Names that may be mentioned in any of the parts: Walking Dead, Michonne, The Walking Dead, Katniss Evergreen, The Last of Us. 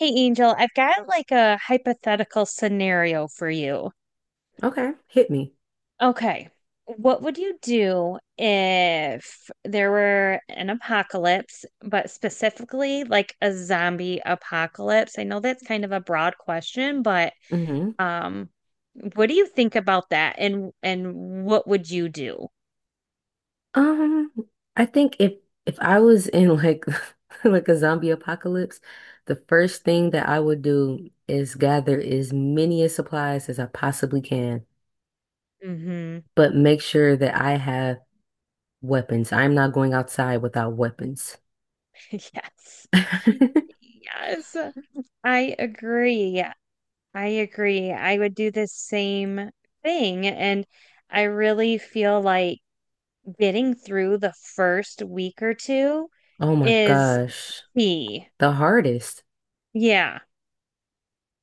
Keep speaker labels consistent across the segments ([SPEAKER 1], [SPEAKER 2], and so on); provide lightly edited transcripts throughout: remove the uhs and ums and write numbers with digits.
[SPEAKER 1] Hey, Angel, I've got like a hypothetical scenario for you.
[SPEAKER 2] Okay, hit me.
[SPEAKER 1] Okay. What would you do if there were an apocalypse, but specifically like a zombie apocalypse? I know that's kind of a broad question, but
[SPEAKER 2] Hmm.
[SPEAKER 1] um, what do you think about that and what would you do?
[SPEAKER 2] Um, I think if I was in like like a zombie apocalypse, the first thing that I would do is gather as many supplies as I possibly can,
[SPEAKER 1] Mm-hmm.
[SPEAKER 2] but make sure that I have weapons. I'm not going outside without weapons.
[SPEAKER 1] Yes. Yes, I agree. I agree. I would do the same thing. And I really feel like getting through the first week or two
[SPEAKER 2] Oh my
[SPEAKER 1] is
[SPEAKER 2] gosh,
[SPEAKER 1] key.
[SPEAKER 2] the hardest.
[SPEAKER 1] Yeah,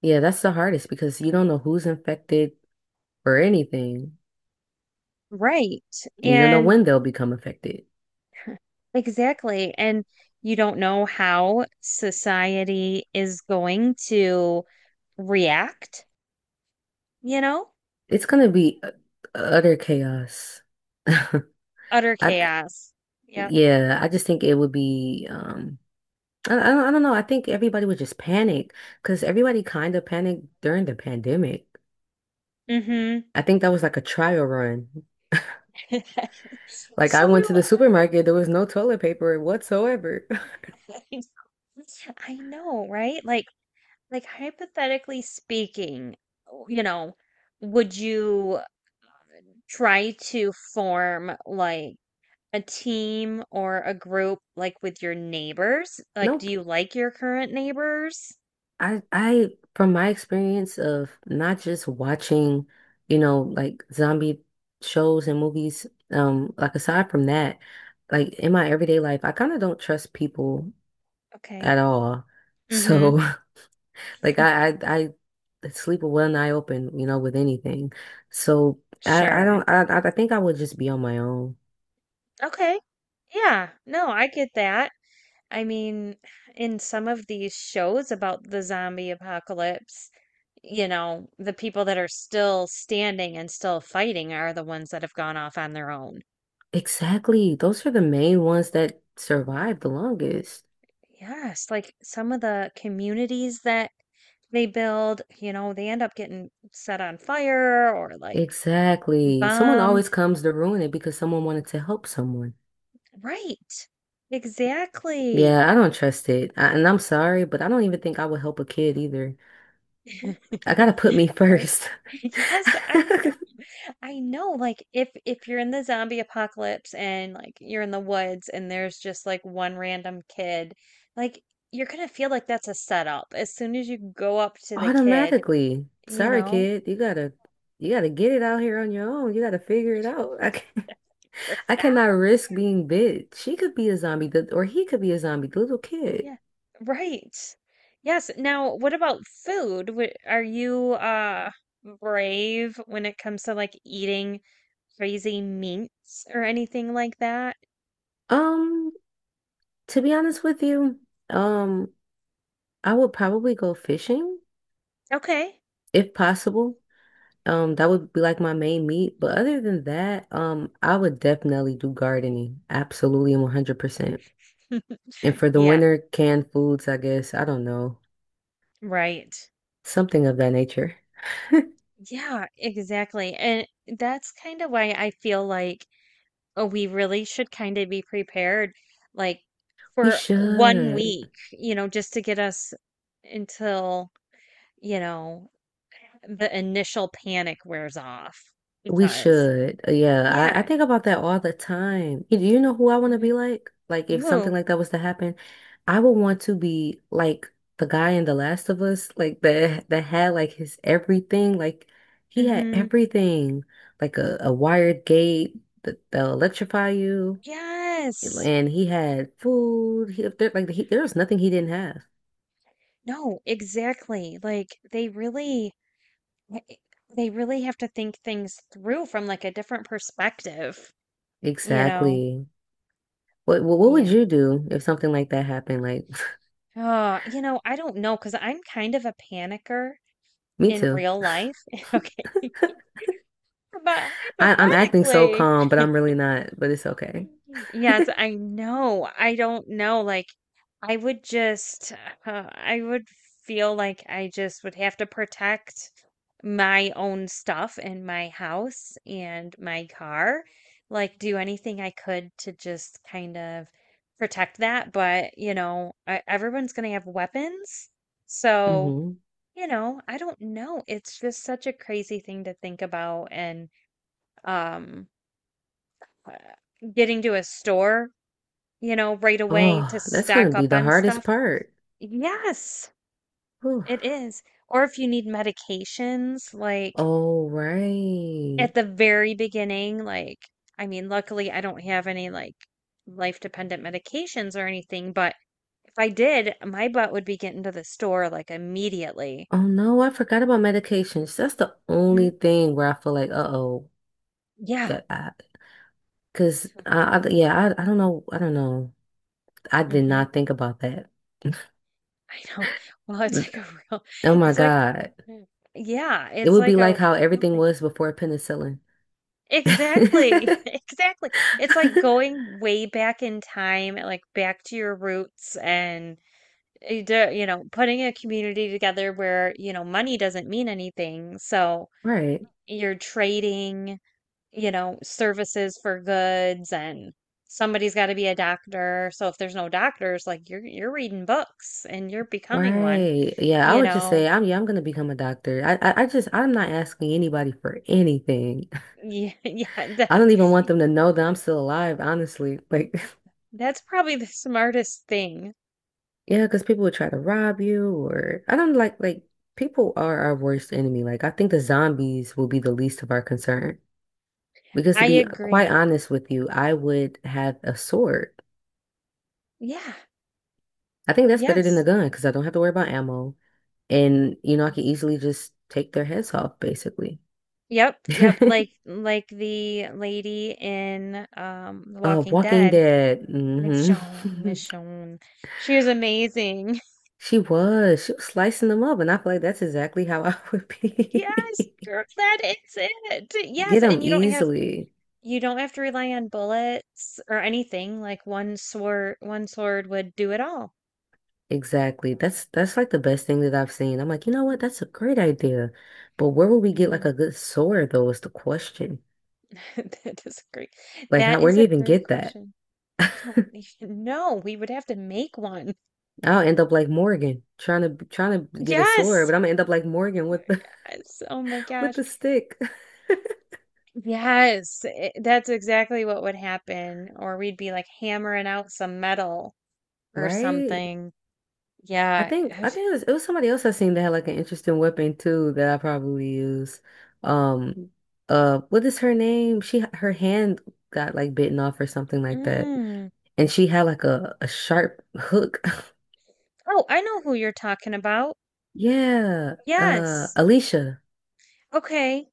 [SPEAKER 2] Yeah, that's the hardest because you don't know who's infected or anything.
[SPEAKER 1] right.
[SPEAKER 2] You don't know
[SPEAKER 1] And
[SPEAKER 2] when they'll become affected.
[SPEAKER 1] exactly. And you don't know how society is going to react, you know?
[SPEAKER 2] It's gonna be utter chaos. I
[SPEAKER 1] Utter chaos. Yep.
[SPEAKER 2] yeah, I just think it would be I don't know. I think everybody would just panic because everybody kind of panicked during the pandemic.
[SPEAKER 1] Mm-hmm.
[SPEAKER 2] I think that was like a trial run. Like I
[SPEAKER 1] So
[SPEAKER 2] went
[SPEAKER 1] do
[SPEAKER 2] to the supermarket, there was no toilet paper whatsoever.
[SPEAKER 1] I. I know, right? Like, hypothetically speaking, you know, would you try to form like a team or a group like with your neighbors? Like, do
[SPEAKER 2] Nope.
[SPEAKER 1] you like your current neighbors?
[SPEAKER 2] I From my experience of not just watching, like zombie shows and movies, like aside from that, like in my everyday life, I kind of don't trust people
[SPEAKER 1] Okay.
[SPEAKER 2] at all.
[SPEAKER 1] Mm-hmm.
[SPEAKER 2] So like I sleep with one eye open, with anything. So I
[SPEAKER 1] Sure.
[SPEAKER 2] don't I think I would just be on my own.
[SPEAKER 1] Okay. Yeah. No, I get that. I mean, in some of these shows about the zombie apocalypse, you know, the people that are still standing and still fighting are the ones that have gone off on their own.
[SPEAKER 2] Exactly. Those are the main ones that survive the longest.
[SPEAKER 1] Yes, like some of the communities that they build, you know, they end up getting set on fire or like
[SPEAKER 2] Exactly. Someone
[SPEAKER 1] bombed.
[SPEAKER 2] always comes to ruin it because someone wanted to help someone.
[SPEAKER 1] Right. Exactly.
[SPEAKER 2] Yeah, I don't trust it. And I'm sorry, but I don't even think I would help a kid either. I gotta put me
[SPEAKER 1] Right.
[SPEAKER 2] first.
[SPEAKER 1] Yes, I know. I know. Like if you're in the zombie apocalypse and like you're in the woods and there's just like one random kid, like you're gonna feel like that's a setup as soon as you go up to the kid,
[SPEAKER 2] Automatically.
[SPEAKER 1] you
[SPEAKER 2] Sorry,
[SPEAKER 1] know?
[SPEAKER 2] kid. You gotta get it out here on your own. You gotta figure it out. I can,
[SPEAKER 1] Figure
[SPEAKER 2] I
[SPEAKER 1] it
[SPEAKER 2] cannot
[SPEAKER 1] out.
[SPEAKER 2] risk being bit. She could be a zombie, or he could be a zombie, the little kid.
[SPEAKER 1] Yeah. Right. Yes. Now, what about food? Are you brave when it comes to like eating crazy meats or anything like that?
[SPEAKER 2] Um, to be honest with you, um, I would probably go fishing
[SPEAKER 1] Okay.
[SPEAKER 2] if possible. That would be like my main meat. But other than that, I would definitely do gardening. Absolutely and 100%. And for the
[SPEAKER 1] Yeah,
[SPEAKER 2] winter, canned foods, I guess. I don't know.
[SPEAKER 1] right.
[SPEAKER 2] Something of that nature.
[SPEAKER 1] Yeah, exactly. And that's kind of why I feel like we really should kind of be prepared, like
[SPEAKER 2] We
[SPEAKER 1] for one
[SPEAKER 2] should.
[SPEAKER 1] week, you know, just to get us until, you know, the initial panic wears off
[SPEAKER 2] We
[SPEAKER 1] because
[SPEAKER 2] should. Yeah, I
[SPEAKER 1] yeah,
[SPEAKER 2] think about that all the time. You know who I want to
[SPEAKER 1] hmm,
[SPEAKER 2] be like? Like, if something
[SPEAKER 1] ooh,
[SPEAKER 2] like that was to happen, I would want to be like the guy in The Last of Us, like that had like his everything. Like, he had
[SPEAKER 1] hmm,
[SPEAKER 2] everything, like a wired gate that'll electrify you,
[SPEAKER 1] yes,
[SPEAKER 2] and he had food. He, there was nothing he didn't have.
[SPEAKER 1] no, exactly, like they really eh, eh, they really have to think things through from like a different perspective, you know.
[SPEAKER 2] Exactly. What would
[SPEAKER 1] Yeah.
[SPEAKER 2] you do if something like that happened? Like,
[SPEAKER 1] Oh, I don't know, because I'm kind of a panicker
[SPEAKER 2] me
[SPEAKER 1] in
[SPEAKER 2] too.
[SPEAKER 1] real life. Okay, but
[SPEAKER 2] I'm acting so
[SPEAKER 1] hypothetically,
[SPEAKER 2] calm, but I'm really not, but it's okay.
[SPEAKER 1] yes, I know, I don't know, like I would just, I would feel like I just would have to protect my own stuff and my house and my car. Like, do anything I could to just kind of protect that. But, you know, everyone's going to have weapons. So,
[SPEAKER 2] Hmm.
[SPEAKER 1] you know, I don't know. It's just such a crazy thing to think about. And um, uh, getting to a store, you know, right away to
[SPEAKER 2] Oh, that's gonna
[SPEAKER 1] stock
[SPEAKER 2] be
[SPEAKER 1] up
[SPEAKER 2] the
[SPEAKER 1] on
[SPEAKER 2] hardest
[SPEAKER 1] stuff.
[SPEAKER 2] part.
[SPEAKER 1] Yes.
[SPEAKER 2] Whew.
[SPEAKER 1] It is. Or if you need medications, like
[SPEAKER 2] Oh, right.
[SPEAKER 1] at the very beginning, like, I mean, luckily I don't have any like life dependent medications or anything, but if I did, my butt would be getting to the store like immediately.
[SPEAKER 2] Oh no, I forgot about medications. That's the
[SPEAKER 1] Hmm.
[SPEAKER 2] only thing where I feel like, uh-oh,
[SPEAKER 1] Yeah.
[SPEAKER 2] that I, cause I don't know, I don't know. I did
[SPEAKER 1] Hmm.
[SPEAKER 2] not think about that.
[SPEAKER 1] I know. Well, it's like a real,
[SPEAKER 2] Oh my
[SPEAKER 1] it's like,
[SPEAKER 2] God.
[SPEAKER 1] Mm, yeah,
[SPEAKER 2] It
[SPEAKER 1] it's
[SPEAKER 2] would be
[SPEAKER 1] like a
[SPEAKER 2] like how
[SPEAKER 1] real
[SPEAKER 2] everything
[SPEAKER 1] thing.
[SPEAKER 2] was before penicillin.
[SPEAKER 1] Exactly. Exactly. It's like going way back in time, like back to your roots and you do- you know, putting a community together where, money doesn't mean anything. So
[SPEAKER 2] Right.
[SPEAKER 1] you're trading, services for goods, and somebody's got to be a doctor. So if there's no doctors, like you're reading books and you're becoming one,
[SPEAKER 2] Right. Yeah, I
[SPEAKER 1] you
[SPEAKER 2] would just
[SPEAKER 1] know.
[SPEAKER 2] say I'm yeah, I'm gonna become a doctor. I just I'm not asking anybody for anything.
[SPEAKER 1] Yeah, yeah,
[SPEAKER 2] I don't
[SPEAKER 1] that's
[SPEAKER 2] even want them to know that I'm still alive, honestly. Like
[SPEAKER 1] that's probably the smartest thing.
[SPEAKER 2] yeah, because people would try to rob you or I don't like people are our worst enemy. Like I think the zombies will be the least of our concern. Because
[SPEAKER 1] I
[SPEAKER 2] to be
[SPEAKER 1] agree.
[SPEAKER 2] quite honest with you, I would have a sword.
[SPEAKER 1] Yeah.
[SPEAKER 2] I think that's better than a
[SPEAKER 1] Yes.
[SPEAKER 2] gun because I don't have to worry about ammo. And you know, I can easily just take their heads off, basically.
[SPEAKER 1] Yep, yep, like like the lady in The Walking
[SPEAKER 2] Walking
[SPEAKER 1] Dead,
[SPEAKER 2] Dead. Hmm.
[SPEAKER 1] Michonne, Michonne. She is amazing.
[SPEAKER 2] She was. She was slicing them up, and I feel like that's exactly how I would
[SPEAKER 1] Yes,
[SPEAKER 2] be.
[SPEAKER 1] girl, that is it. Yes,
[SPEAKER 2] Get them
[SPEAKER 1] and you don't have
[SPEAKER 2] easily.
[SPEAKER 1] you don't have to rely on bullets or anything. Like one sword would do it all.
[SPEAKER 2] Exactly. That's like the best thing that I've seen. I'm like, you know what? That's a great idea. But where would we get
[SPEAKER 1] Mm-hmm.
[SPEAKER 2] like a good sword though is the question.
[SPEAKER 1] That is a great.
[SPEAKER 2] Like how
[SPEAKER 1] That
[SPEAKER 2] where
[SPEAKER 1] is
[SPEAKER 2] do
[SPEAKER 1] a
[SPEAKER 2] you even
[SPEAKER 1] great
[SPEAKER 2] get that?
[SPEAKER 1] question. I don't even know. We would have to make one.
[SPEAKER 2] I'll end up like Morgan trying to get a sword,
[SPEAKER 1] Yes.
[SPEAKER 2] but I'm gonna end up like Morgan with the
[SPEAKER 1] Yes. Oh my
[SPEAKER 2] with
[SPEAKER 1] gosh.
[SPEAKER 2] the stick.
[SPEAKER 1] Yes. That's exactly what would happen. Or we'd be like hammering out some metal. Or
[SPEAKER 2] Right?
[SPEAKER 1] something. Yeah.
[SPEAKER 2] I think it was somebody else I seen that had like an interesting weapon too that I probably use. Um, what is her name? She her hand got like bitten off or something like that,
[SPEAKER 1] Mm.
[SPEAKER 2] and she had like a sharp hook.
[SPEAKER 1] Oh, I know who you're talking about.
[SPEAKER 2] Yeah,
[SPEAKER 1] Yes.
[SPEAKER 2] Alicia,
[SPEAKER 1] Okay.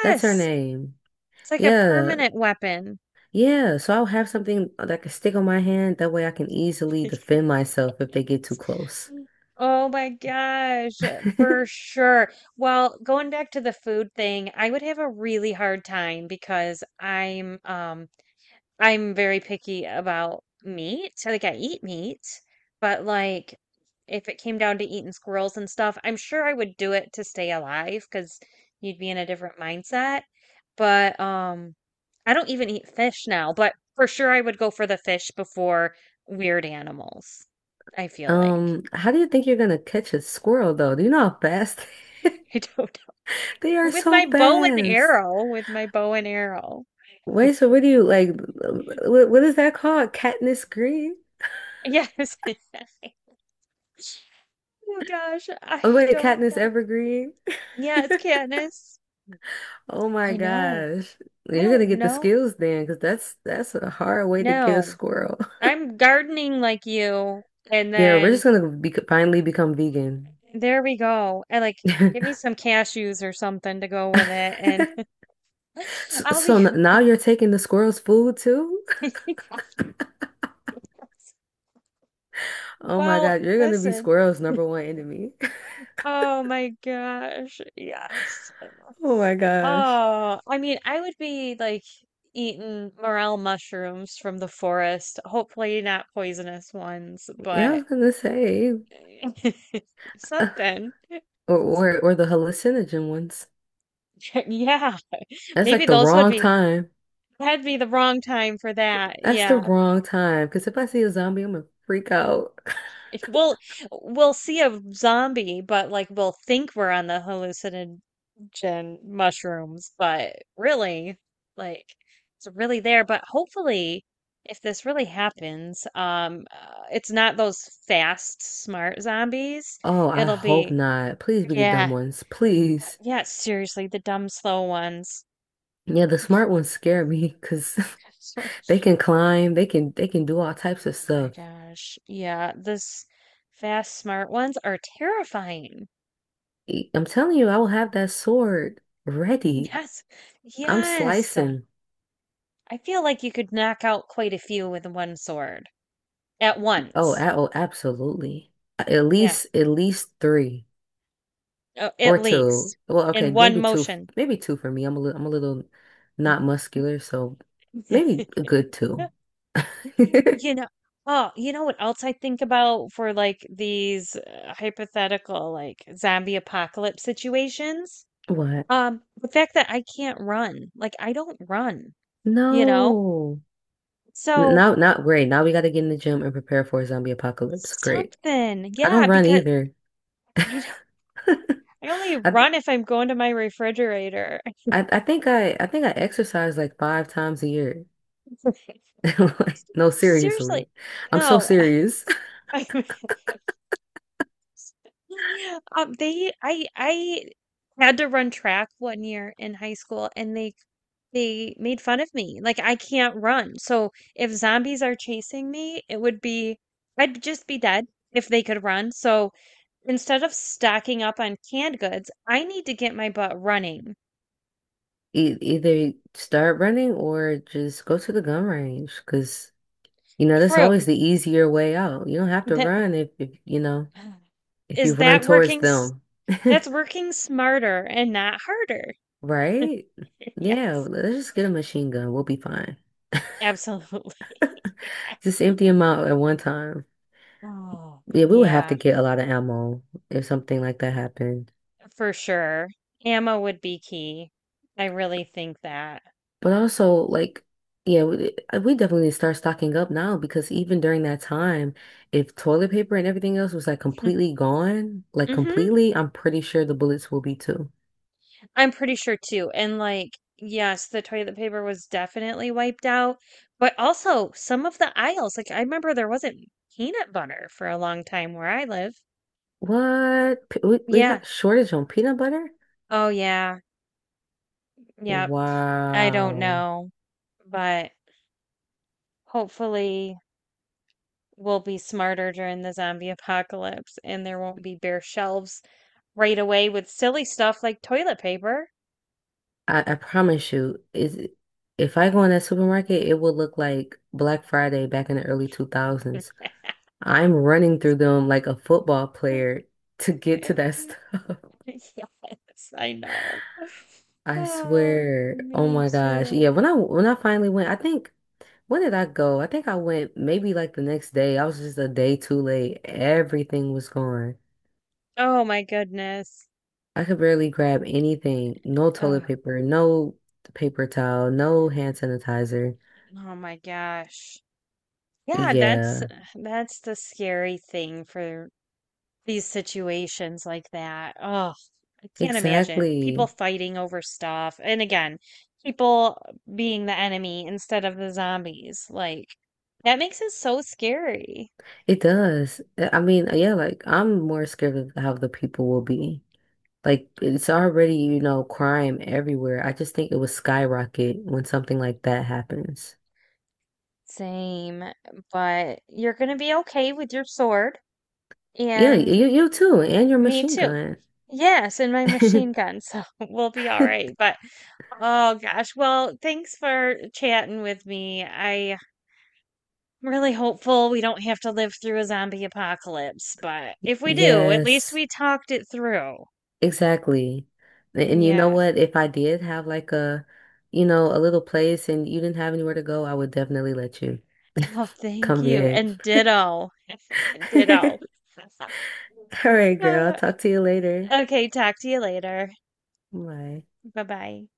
[SPEAKER 2] that's her name.
[SPEAKER 1] It's like a
[SPEAKER 2] Yeah,
[SPEAKER 1] permanent weapon.
[SPEAKER 2] yeah. So I'll have something that can stick on my hand. That way I can easily defend myself if they get too close.
[SPEAKER 1] Oh my gosh, for sure. Well, going back to the food thing, I would have a really hard time because I'm very picky about meat. So, like I eat meat, but like if it came down to eating squirrels and stuff, I'm sure I would do it to stay alive because you'd be in a different mindset. But I don't even eat fish now, but for sure I would go for the fish before weird animals, I feel like.
[SPEAKER 2] How do you think you're gonna catch a squirrel though? Do you know how fast?
[SPEAKER 1] I don't
[SPEAKER 2] They
[SPEAKER 1] know.
[SPEAKER 2] are
[SPEAKER 1] With my
[SPEAKER 2] so
[SPEAKER 1] bow and
[SPEAKER 2] fast.
[SPEAKER 1] arrow, with my bow and arrow.
[SPEAKER 2] Wait, so what do you like? What is that called? Katniss Green?
[SPEAKER 1] Yes. Oh gosh,
[SPEAKER 2] Oh,
[SPEAKER 1] I
[SPEAKER 2] wait,
[SPEAKER 1] don't
[SPEAKER 2] Katniss
[SPEAKER 1] know.
[SPEAKER 2] Evergreen?
[SPEAKER 1] Yeah, it's Candace.
[SPEAKER 2] Oh my
[SPEAKER 1] I know.
[SPEAKER 2] gosh.
[SPEAKER 1] I
[SPEAKER 2] You're
[SPEAKER 1] don't
[SPEAKER 2] gonna get the
[SPEAKER 1] know.
[SPEAKER 2] skills then, because that's a hard way to get a
[SPEAKER 1] No,
[SPEAKER 2] squirrel.
[SPEAKER 1] I'm gardening like you. And
[SPEAKER 2] Yeah, we're
[SPEAKER 1] then
[SPEAKER 2] just gonna be, finally become vegan.
[SPEAKER 1] there we go. And like, give me some cashews or something to go with it. And
[SPEAKER 2] So,
[SPEAKER 1] I'll be.
[SPEAKER 2] now you're taking the squirrel's food too? Oh my
[SPEAKER 1] Well,
[SPEAKER 2] God, you're gonna be
[SPEAKER 1] listen.
[SPEAKER 2] squirrel's number one enemy.
[SPEAKER 1] Oh my gosh. Yes.
[SPEAKER 2] Oh my gosh.
[SPEAKER 1] Oh, I mean, I would be like eating morel mushrooms from the forest. Hopefully, not poisonous ones,
[SPEAKER 2] Yeah, I
[SPEAKER 1] but
[SPEAKER 2] was gonna say,
[SPEAKER 1] something.
[SPEAKER 2] or or the hallucinogen ones.
[SPEAKER 1] Yeah,
[SPEAKER 2] That's
[SPEAKER 1] maybe
[SPEAKER 2] like the
[SPEAKER 1] those would
[SPEAKER 2] wrong
[SPEAKER 1] be
[SPEAKER 2] time.
[SPEAKER 1] that'd be the wrong time for that.
[SPEAKER 2] That's the
[SPEAKER 1] Yeah.
[SPEAKER 2] wrong time. Because if I see a zombie, I'm gonna freak out.
[SPEAKER 1] If we'll we'll see a zombie, but like we'll think we're on the hallucinogen mushrooms, but really, like it's really there. But hopefully, if this really happens, it's not those fast, smart zombies.
[SPEAKER 2] Oh, I
[SPEAKER 1] It'll
[SPEAKER 2] hope
[SPEAKER 1] be,
[SPEAKER 2] not. Please be the dumb
[SPEAKER 1] yeah,
[SPEAKER 2] ones. Please.
[SPEAKER 1] yeah, seriously, the dumb, slow ones.
[SPEAKER 2] Yeah, the
[SPEAKER 1] Be-
[SPEAKER 2] smart ones scare me because they can climb, they can do all types of
[SPEAKER 1] Oh my
[SPEAKER 2] stuff.
[SPEAKER 1] gosh. Yeah, this fast smart ones are terrifying.
[SPEAKER 2] I'm telling you, I will have that sword ready.
[SPEAKER 1] Yes.
[SPEAKER 2] I'm
[SPEAKER 1] Yes.
[SPEAKER 2] slicing.
[SPEAKER 1] I feel like you could knock out quite a few with one sword at
[SPEAKER 2] Oh,
[SPEAKER 1] once.
[SPEAKER 2] oh, absolutely.
[SPEAKER 1] Yeah,
[SPEAKER 2] At least three
[SPEAKER 1] at
[SPEAKER 2] or two.
[SPEAKER 1] least
[SPEAKER 2] Well, okay,
[SPEAKER 1] in one motion.
[SPEAKER 2] maybe two for me. I'm a little not muscular, so maybe a good two.
[SPEAKER 1] You know, oh, you know what else I think about for like these hypothetical like zombie apocalypse situations?
[SPEAKER 2] What?
[SPEAKER 1] The fact that I can't run. Like I don't run, you know?
[SPEAKER 2] No.
[SPEAKER 1] So
[SPEAKER 2] Now, not great. Now we got to get in the gym and prepare for a zombie apocalypse. Great.
[SPEAKER 1] something.
[SPEAKER 2] I don't
[SPEAKER 1] Yeah,
[SPEAKER 2] run
[SPEAKER 1] because
[SPEAKER 2] either.
[SPEAKER 1] you know, I only
[SPEAKER 2] I,
[SPEAKER 1] run if I'm going to my refrigerator.
[SPEAKER 2] I think I exercise like five times a year.
[SPEAKER 1] You know,
[SPEAKER 2] Like, no, seriously.
[SPEAKER 1] Seriously.
[SPEAKER 2] I'm so
[SPEAKER 1] No.
[SPEAKER 2] serious.
[SPEAKER 1] I they I had to run track one year in high school, and they made fun of me. Like I can't run. So if zombies are chasing me, it would be I'd just be dead if they could run. So, instead of stocking up on canned goods, I need to get my butt running.
[SPEAKER 2] E either start running or just go to the gun range because you know that's always
[SPEAKER 1] True.
[SPEAKER 2] the easier way out. You don't have to
[SPEAKER 1] That,
[SPEAKER 2] run if you know if you
[SPEAKER 1] is
[SPEAKER 2] run
[SPEAKER 1] that
[SPEAKER 2] towards
[SPEAKER 1] working s-
[SPEAKER 2] them.
[SPEAKER 1] that's working smarter and not harder.
[SPEAKER 2] Right? Yeah,
[SPEAKER 1] Yes.
[SPEAKER 2] let's just get a machine gun. We'll be fine.
[SPEAKER 1] Absolutely.
[SPEAKER 2] Just
[SPEAKER 1] Yes.
[SPEAKER 2] empty them out at one time.
[SPEAKER 1] Oh,
[SPEAKER 2] Yeah, we would have to
[SPEAKER 1] yeah,
[SPEAKER 2] get a lot of ammo if something like that happened.
[SPEAKER 1] for sure. Ammo would be key. I really think that.
[SPEAKER 2] But also, like, yeah, we definitely need to start stocking up now because even during that time, if toilet paper and everything else was like completely gone, like
[SPEAKER 1] Mm-hmm.
[SPEAKER 2] completely, I'm pretty sure the bullets will be too.
[SPEAKER 1] I'm pretty sure too. And like, yes, the toilet paper was definitely wiped out, but also some of the aisles, like I remember there wasn't peanut butter for a long time where I live.
[SPEAKER 2] What? We
[SPEAKER 1] Yeah.
[SPEAKER 2] got a shortage on peanut butter?
[SPEAKER 1] Oh yeah. Yep. I don't
[SPEAKER 2] Wow.
[SPEAKER 1] know, but hopefully we'll be smarter during the zombie apocalypse and there won't be bare shelves right away with silly stuff like toilet paper.
[SPEAKER 2] I promise you, is if I go in that supermarket, it will look like Black Friday back in the early 2000s. I'm running through them like a football player to get to that stuff.
[SPEAKER 1] Yes, I know.
[SPEAKER 2] I
[SPEAKER 1] Oh,
[SPEAKER 2] swear. Oh
[SPEAKER 1] me
[SPEAKER 2] my gosh.
[SPEAKER 1] too.
[SPEAKER 2] Yeah, when I finally went, I think when did I go? I think I went maybe like the next day. I was just a day too late. Everything was gone.
[SPEAKER 1] Oh my goodness.
[SPEAKER 2] I could barely grab anything. No toilet
[SPEAKER 1] Ugh.
[SPEAKER 2] paper, no paper towel, no hand sanitizer.
[SPEAKER 1] Oh my gosh. Yeah, that's
[SPEAKER 2] Yeah,
[SPEAKER 1] that's the scary thing for these situations like that. Oh, I can't imagine people
[SPEAKER 2] exactly.
[SPEAKER 1] fighting over stuff. And again, people being the enemy instead of the zombies. Like that makes it so scary.
[SPEAKER 2] It does. I mean, yeah, like I'm more scared of how the people will be. Like it's already, you know, crime everywhere. I just think it would skyrocket when something like that happens.
[SPEAKER 1] Same, but you're gonna be okay with your sword.
[SPEAKER 2] Yeah,
[SPEAKER 1] And
[SPEAKER 2] you too, and your
[SPEAKER 1] me
[SPEAKER 2] machine
[SPEAKER 1] too.
[SPEAKER 2] gun.
[SPEAKER 1] Yes, and my machine gun, so we'll be all right. But oh gosh, well, thanks for chatting with me. I'm really hopeful we don't have to live through a zombie apocalypse, but if we do, at least
[SPEAKER 2] Yes,
[SPEAKER 1] we talked it through.
[SPEAKER 2] exactly. And you know
[SPEAKER 1] Yes.
[SPEAKER 2] what? If I did have like you know, a little place and you didn't have anywhere to go, I would definitely let you
[SPEAKER 1] Oh, thank
[SPEAKER 2] come
[SPEAKER 1] you.
[SPEAKER 2] get
[SPEAKER 1] And ditto. Ditto.
[SPEAKER 2] it. All right, girl. I'll
[SPEAKER 1] Uh,
[SPEAKER 2] talk to you later.
[SPEAKER 1] Okay, talk to you later.
[SPEAKER 2] Bye.
[SPEAKER 1] Bye bye.